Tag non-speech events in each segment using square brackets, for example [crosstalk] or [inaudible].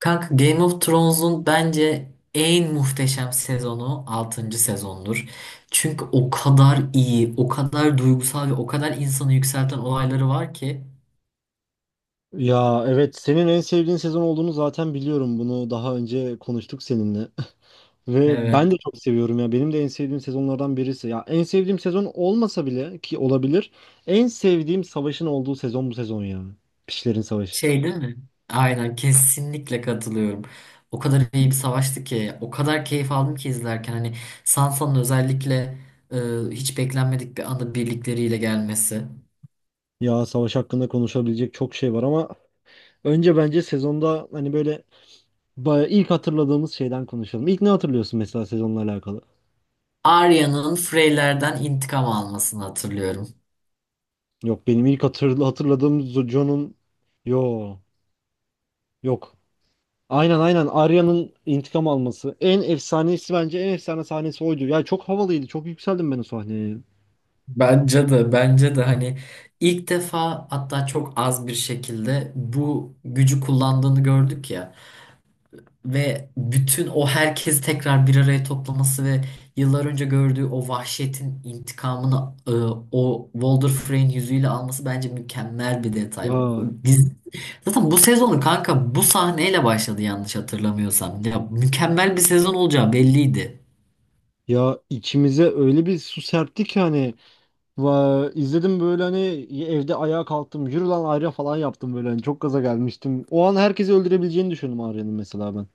Kanka Game of Thrones'un bence en muhteşem sezonu altıncı sezondur. Çünkü o kadar iyi, o kadar duygusal ve o kadar insanı yükselten olayları var ki. Ya evet, senin en sevdiğin sezon olduğunu zaten biliyorum. Bunu daha önce konuştuk seninle. [laughs] Ve ben Evet. de çok seviyorum ya. Benim de en sevdiğim sezonlardan birisi. Ya en sevdiğim sezon olmasa bile ki olabilir. En sevdiğim savaşın olduğu sezon bu sezon ya. Pişlerin Savaşı. Şey değil mi? Aynen kesinlikle katılıyorum. O kadar iyi bir savaştı ki, o kadar keyif aldım ki izlerken. Hani Sansa'nın özellikle e, hiç beklenmedik bir anda birlikleriyle gelmesi. Ya savaş hakkında konuşabilecek çok şey var ama önce bence sezonda hani böyle ilk hatırladığımız şeyden konuşalım. İlk ne hatırlıyorsun mesela sezonla alakalı? Arya'nın Frey'lerden intikam almasını hatırlıyorum. Yok, benim ilk hatırladığım John'un. Yo, yok. Aynen, Arya'nın intikam alması. En efsanesi, bence en efsane sahnesi oydu. Ya çok havalıydı. Çok yükseldim ben o sahneye. Bence de hani ilk defa hatta çok az bir şekilde bu gücü kullandığını gördük ya ve bütün o herkesi tekrar bir araya toplaması ve yıllar önce gördüğü o vahşetin intikamını e, o Walder Frey'in yüzüyle alması bence mükemmel bir detay. Ya Dizi- Zaten bu sezonu kanka bu sahneyle başladı yanlış hatırlamıyorsam. Ya mükemmel bir sezon olacağı belliydi. ya içimize öyle bir su serpti ki hani, va, izledim böyle, hani evde ayağa kalktım. Yürü lan Arya falan yaptım böyle. Hani çok gaza gelmiştim. O an herkesi öldürebileceğini düşündüm Arya'nın, mesela ben.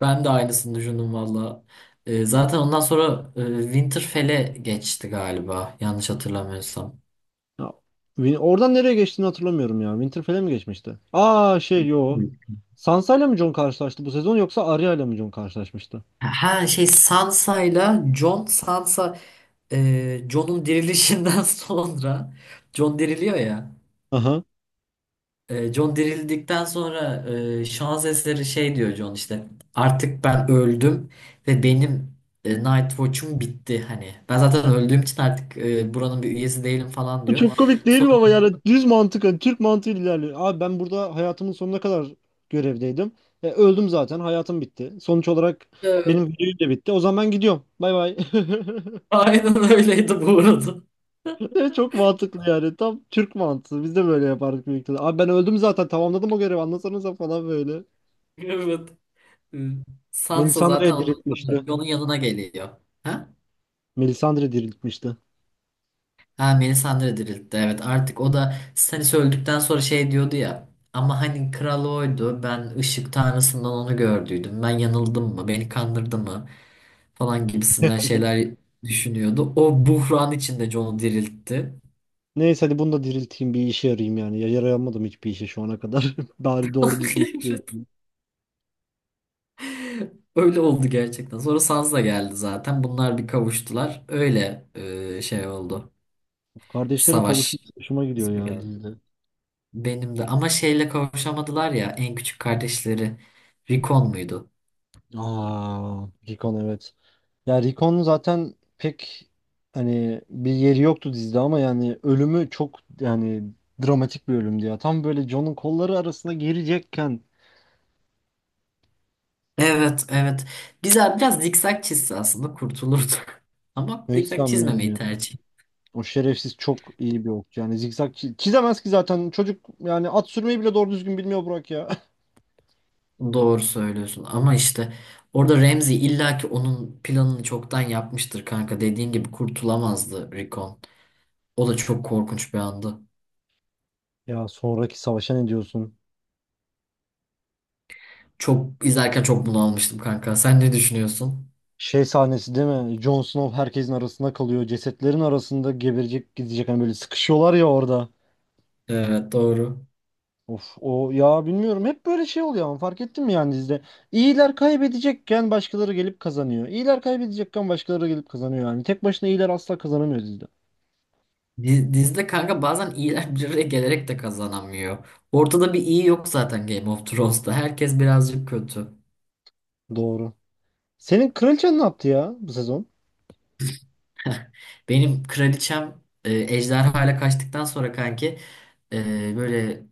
Ben de aynısını düşündüm valla. Zaten ondan sonra Winterfell'e geçti galiba. Yanlış hatırlamıyorsam. Ya, oradan nereye geçtiğini hatırlamıyorum ya. Winterfell'e mi geçmişti? Aa, şey, yo. Hı. Sansa ile mi Jon karşılaştı bu sezon, yoksa Arya ile mi Jon karşılaşmıştı? Ha şey Sansa'yla Jon, Sansa Jon'un dirilişinden [laughs] sonra Jon diriliyor ya. Jon dirildikten sonra şans eseri şey diyor Jon işte artık ben öldüm ve benim Night Watch'um bitti hani. Ben zaten öldüğüm için artık buranın bir üyesi değilim falan Bu diyor. çok komik değil Sonra mi ama, yani düz mantık, hani Türk mantığı ilerliyor. Abi ben burada hayatımın sonuna kadar görevdeydim. Öldüm zaten, hayatım bitti. Sonuç olarak benim videoyu da bitti. O zaman ben gidiyorum. Bay bay. [laughs] aynen öyleydi bu arada. [laughs] E, Çok mantıklı yani. Tam Türk mantığı. Biz de böyle yapardık büyük ihtimalle. Abi ben öldüm zaten, tamamladım o görevi. Anlatsanıza falan böyle. Evet. Hı. Sansa zaten Melisandre onun, diriltmişti. onun yanına geliyor. Ha? Melisandre diriltmişti. Ha Melisandre diriltti. Evet artık o da Stannis öldükten sonra şey diyordu ya. Ama hani kral oydu. Ben ışık tanrısından onu gördüydüm. Ben yanıldım mı? Beni kandırdı mı? Falan gibisinden şeyler düşünüyordu. O buhran içinde Jon'u diriltti. Neyse, hadi bunu da dirilteyim, bir işe yarayayım yani. Ya yarayamadım hiçbir işe şu ana kadar. [laughs] Bari doğru düzgün bir şey yapayım. [laughs] Öyle oldu gerçekten. Sonra Sansa geldi zaten. Bunlar bir kavuştular. Öyle şey oldu. Kardeşlerin Savaş kavuşması hoşuma gidiyor ismi ya geldi. dizide. Benim de ama şeyle kavuşamadılar ya en küçük kardeşleri. Rikon muydu? Aa, Recon, evet. Ya Recon'un zaten pek hani bir yeri yoktu dizide ama yani ölümü çok yani dramatik bir ölümdü ya. Tam böyle John'un kolları arasına girecekken Evet, evet. Güzel biraz zikzak çizse aslında kurtulurdu. [laughs] Ama ben hiç zikzak sanmıyorum çizmemeyi ya. tercih etti. O şerefsiz çok iyi bir okçu. Yani zikzak çizemez ki zaten, çocuk yani, at sürmeyi bile doğru düzgün bilmiyor Burak ya. [laughs] Doğru söylüyorsun ama işte orada Remzi illaki onun planını çoktan yapmıştır kanka. Dediğin gibi kurtulamazdı Rikon. O da çok korkunç bir andı. Ya sonraki savaşa ne diyorsun? Çok izlerken çok bunalmıştım kanka. Sen ne düşünüyorsun? Şey sahnesi değil mi? Jon Snow herkesin arasında kalıyor. Cesetlerin arasında geberecek, gidecek. Hani böyle sıkışıyorlar ya orada. Evet, doğru. Of, o ya bilmiyorum, hep böyle şey oluyor ama fark ettin mi yani dizide? İyiler kaybedecekken başkaları gelip kazanıyor. İyiler kaybedecekken başkaları gelip kazanıyor yani. Tek başına iyiler asla kazanamıyor dizide. Dizide kanka bazen iyiler bir araya gelerek de kazanamıyor. Ortada bir iyi yok zaten Game of Thrones'ta. Herkes birazcık kötü. Doğru. Senin kraliçen ne yaptı ya bu sezon? [laughs] Benim kraliçem ejderhayla kaçtıktan sonra kanki böyle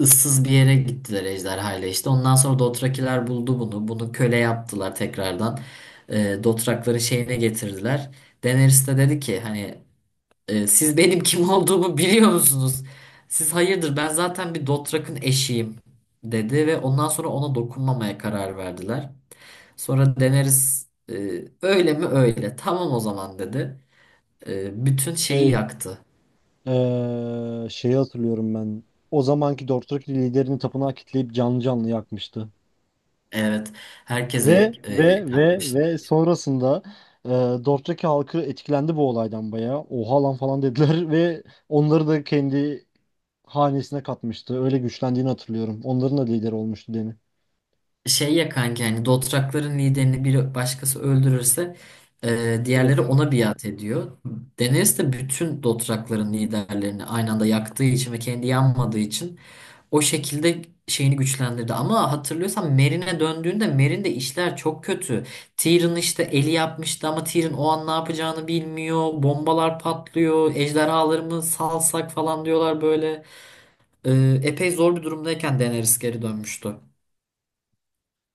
ıssız bir yere gittiler ejderhayla işte. Ondan sonra Dothrakiler buldu bunu. Bunu köle yaptılar tekrardan. Dothrakların şeyine getirdiler. Daenerys de dedi ki hani, siz benim kim olduğumu biliyor musunuz? Siz hayırdır ben zaten bir Dothrak'ın eşiyim dedi ve ondan sonra ona dokunmamaya karar verdiler. Sonra Daenerys, öyle mi, öyle tamam o zaman dedi. Bütün şeyi Şey, yaktı. Şeyi hatırlıyorum ben. O zamanki Dorthraki liderini tapınağa kitleyip canlı canlı yakmıştı. Evet, Ve herkese, yakmış. Sonrasında Dorthraki halkı etkilendi bu olaydan bayağı. Oha lan falan dediler [laughs] ve onları da kendi hanesine katmıştı. Öyle güçlendiğini hatırlıyorum. Onların da lideri olmuştu Deni. Şey ya kanki hani Dothrak'ların liderini bir başkası öldürürse diğerleri Evet. ona biat ediyor. Daenerys de bütün Dothrak'ların liderlerini aynı anda yaktığı için ve kendi yanmadığı için o şekilde şeyini güçlendirdi. Ama hatırlıyorsan Merine döndüğünde Meryn'de işler çok kötü. Tyrion işte eli yapmıştı ama Tyrion o an ne yapacağını bilmiyor. Bombalar patlıyor. Ejderhaları mı salsak falan diyorlar böyle. Epey zor bir durumdayken Daenerys geri dönmüştü.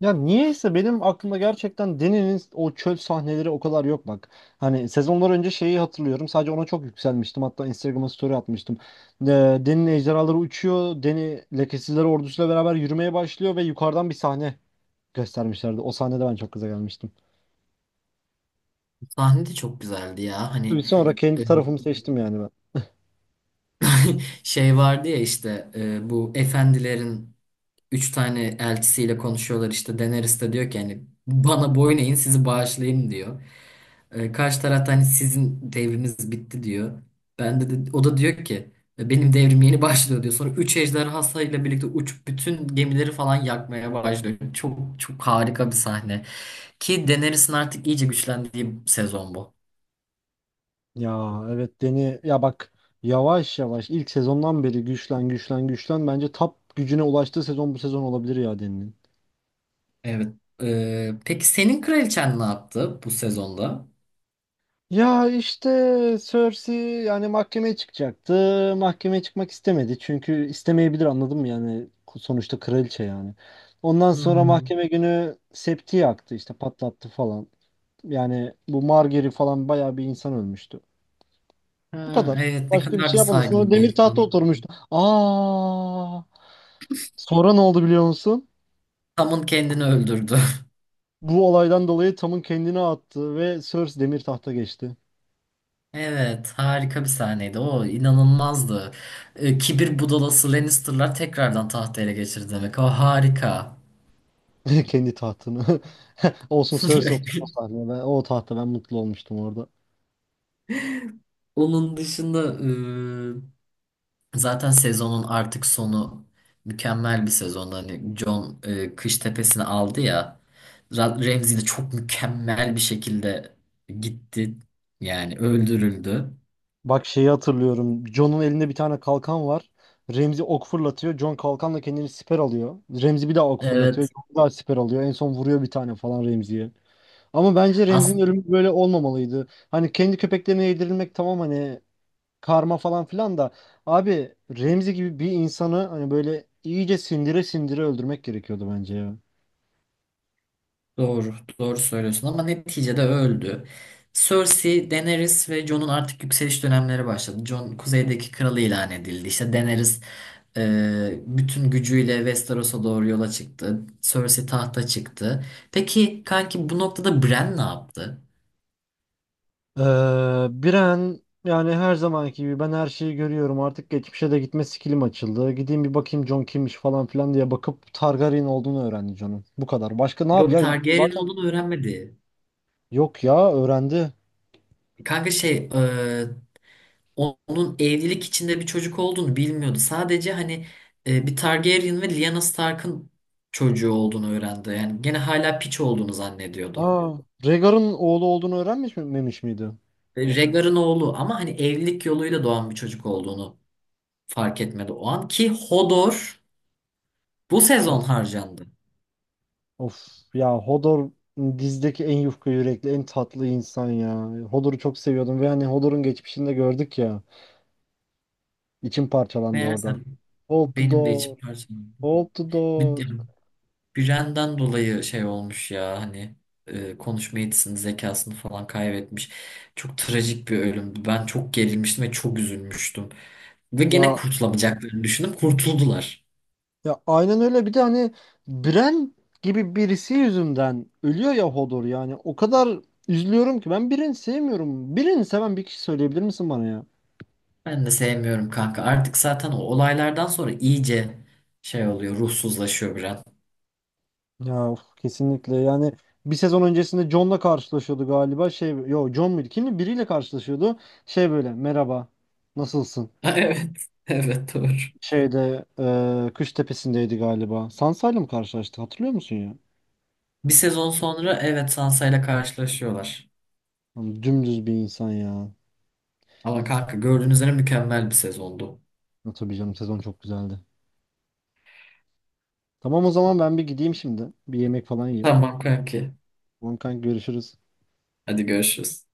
Ya niyeyse benim aklımda gerçekten Deni'nin o çöl sahneleri o kadar yok bak. Hani sezonlar önce şeyi hatırlıyorum. Sadece ona çok yükselmiştim. Hatta Instagram'a story atmıştım. Ee, Deni'nin ejderhaları uçuyor. Deni lekesizler ordusuyla beraber yürümeye başlıyor ve yukarıdan bir sahne göstermişlerdi. O sahnede ben çok gaza gelmiştim. Sahne de çok güzeldi ya. Tabii Hani sonra e, kendi tarafımı seçtim yani ben. [laughs] şey vardı ya işte bu efendilerin üç tane elçisiyle konuşuyorlar işte Daenerys de diyor ki hani bana boyun eğin sizi bağışlayayım diyor. E, karşı tarafta hani sizin devriniz bitti diyor. O da diyor ki, "E, benim devrim yeni başlıyor" diyor. Sonra 3 ejderha ile birlikte uçup bütün gemileri falan yakmaya başlıyor. Çok çok harika bir sahne. Ki Daenerys'in artık iyice güçlendiği sezon bu. Ya evet, Deni ya bak, yavaş yavaş ilk sezondan beri güçlen güçlen güçlen, bence top gücüne ulaştığı sezon bu sezon olabilir ya Deni'nin. Evet. E, peki senin kraliçen ne yaptı bu sezonda? Ya işte Cersei yani mahkemeye çıkacaktı. Mahkemeye çıkmak istemedi. Çünkü istemeyebilir, anladın mı yani, sonuçta kraliçe yani. Ondan sonra Hmm. mahkeme günü septi yaktı, işte patlattı falan. Yani bu Margaery falan, bayağı bir insan ölmüştü. Bu Ha, kadar. evet ne Başka bir kadar şey da yapmadı. Sonra saygılı bir demir tahta insan. oturmuştu. Aa! Sonra ne oldu biliyor musun? Tamın kendini öldürdü. Bu olaydan dolayı Tom'un kendini attı ve Cersei demir tahta geçti. Evet, harika bir sahneydi. O inanılmazdı. Kibir budalası Lannister'lar tekrardan tahtı ele geçirdi demek. O harika. [laughs] Kendi tahtını. [laughs] Olsun, Cersei oturdu o [laughs] sahne. Ben, o tahta ben mutlu olmuştum orada. Onun dışında zaten sezonun artık sonu mükemmel bir sezon. Hani Jon Kış Tepesi'ni aldı ya. Ramsay de çok mükemmel bir şekilde gitti. Yani öldürüldü. Bak şeyi hatırlıyorum. Jon'un elinde bir tane kalkan var. Remzi ok fırlatıyor. Jon kalkanla kendini siper alıyor. Remzi bir daha ok fırlatıyor. Evet. Jon bir daha siper alıyor. En son vuruyor bir tane falan Remzi'ye. Ama bence Remzi'nin ölümü böyle olmamalıydı. Hani kendi köpeklerine yedirilmek tamam, hani karma falan filan da, abi Remzi gibi bir insanı hani böyle iyice sindire sindire öldürmek gerekiyordu bence ya. Doğru, doğru söylüyorsun ama neticede öldü. Cersei, Daenerys ve Jon'un artık yükseliş dönemleri başladı. Jon kuzeydeki kralı ilan edildi. İşte Daenerys bütün gücüyle Westeros'a doğru yola çıktı. Cersei tahta çıktı. Peki kanki bu noktada Bran ne yaptı? Ee, Biren yani her zamanki gibi, ben her şeyi görüyorum artık, geçmişe de gitme skillim açıldı. Gideyim bir bakayım Jon kimmiş falan filan diye bakıp Targaryen olduğunu öğrendi Jon'un. Bu kadar. Başka ne yap? Yok, Ya Targaryen zaten, olduğunu öğrenmedi. yok ya, öğrendi. Kanka şey onun evlilik içinde bir çocuk olduğunu bilmiyordu. Sadece hani bir Targaryen ve Lyanna Stark'ın çocuğu olduğunu öğrendi. Yani gene hala piç olduğunu zannediyordu. Aa, Rhaegar'ın oğlu olduğunu öğrenmiş memiş miydi? Ve Rhaegar'ın oğlu ama hani evlilik yoluyla doğan bir çocuk olduğunu fark etmedi o an ki Hodor bu sezon harcandı. Of ya Hodor, dizdeki en yufka yürekli, en tatlı insan ya. Hodor'u çok seviyordum ve hani Hodor'un geçmişini de gördük ya. İçim parçalandı Meğerse orada. Hold the benim de içim door, parçalandı. hold the door. Biren'den dolayı şey olmuş ya hani konuşma yetisini zekasını falan kaybetmiş. Çok trajik bir ölümdü. Ben çok gerilmiştim ve çok üzülmüştüm. Ve gene Ya kurtulamayacaklarını düşündüm. Kurtuldular. ya aynen, öyle bir de hani Bren gibi birisi yüzünden ölüyor ya Hodor yani. O kadar üzülüyorum ki, ben Bren'i sevmiyorum. Bren'i seven bir kişi söyleyebilir misin bana ya? Ben de sevmiyorum kanka. Artık zaten o olaylardan sonra iyice şey oluyor. Ruhsuzlaşıyor Biren. Ya of, kesinlikle yani, bir sezon öncesinde John'la karşılaşıyordu galiba, şey yo, John muydu kimdi, biriyle karşılaşıyordu, şey böyle merhaba nasılsın, [laughs] Evet. Evet, doğru. şeyde, Kış Tepesi'ndeydi galiba, Sansa'yla mı karşılaştı hatırlıyor musun ya? Bir sezon sonra evet Sansa ile karşılaşıyorlar. Lan dümdüz bir insan ya. Ama kanka gördüğünüz üzere mükemmel bir sezondu. Ya tabii canım, sezon çok güzeldi, tamam o zaman ben bir gideyim şimdi bir yemek falan yiyeyim, Tamam kanki. tamam kanka, görüşürüz. Hadi görüşürüz.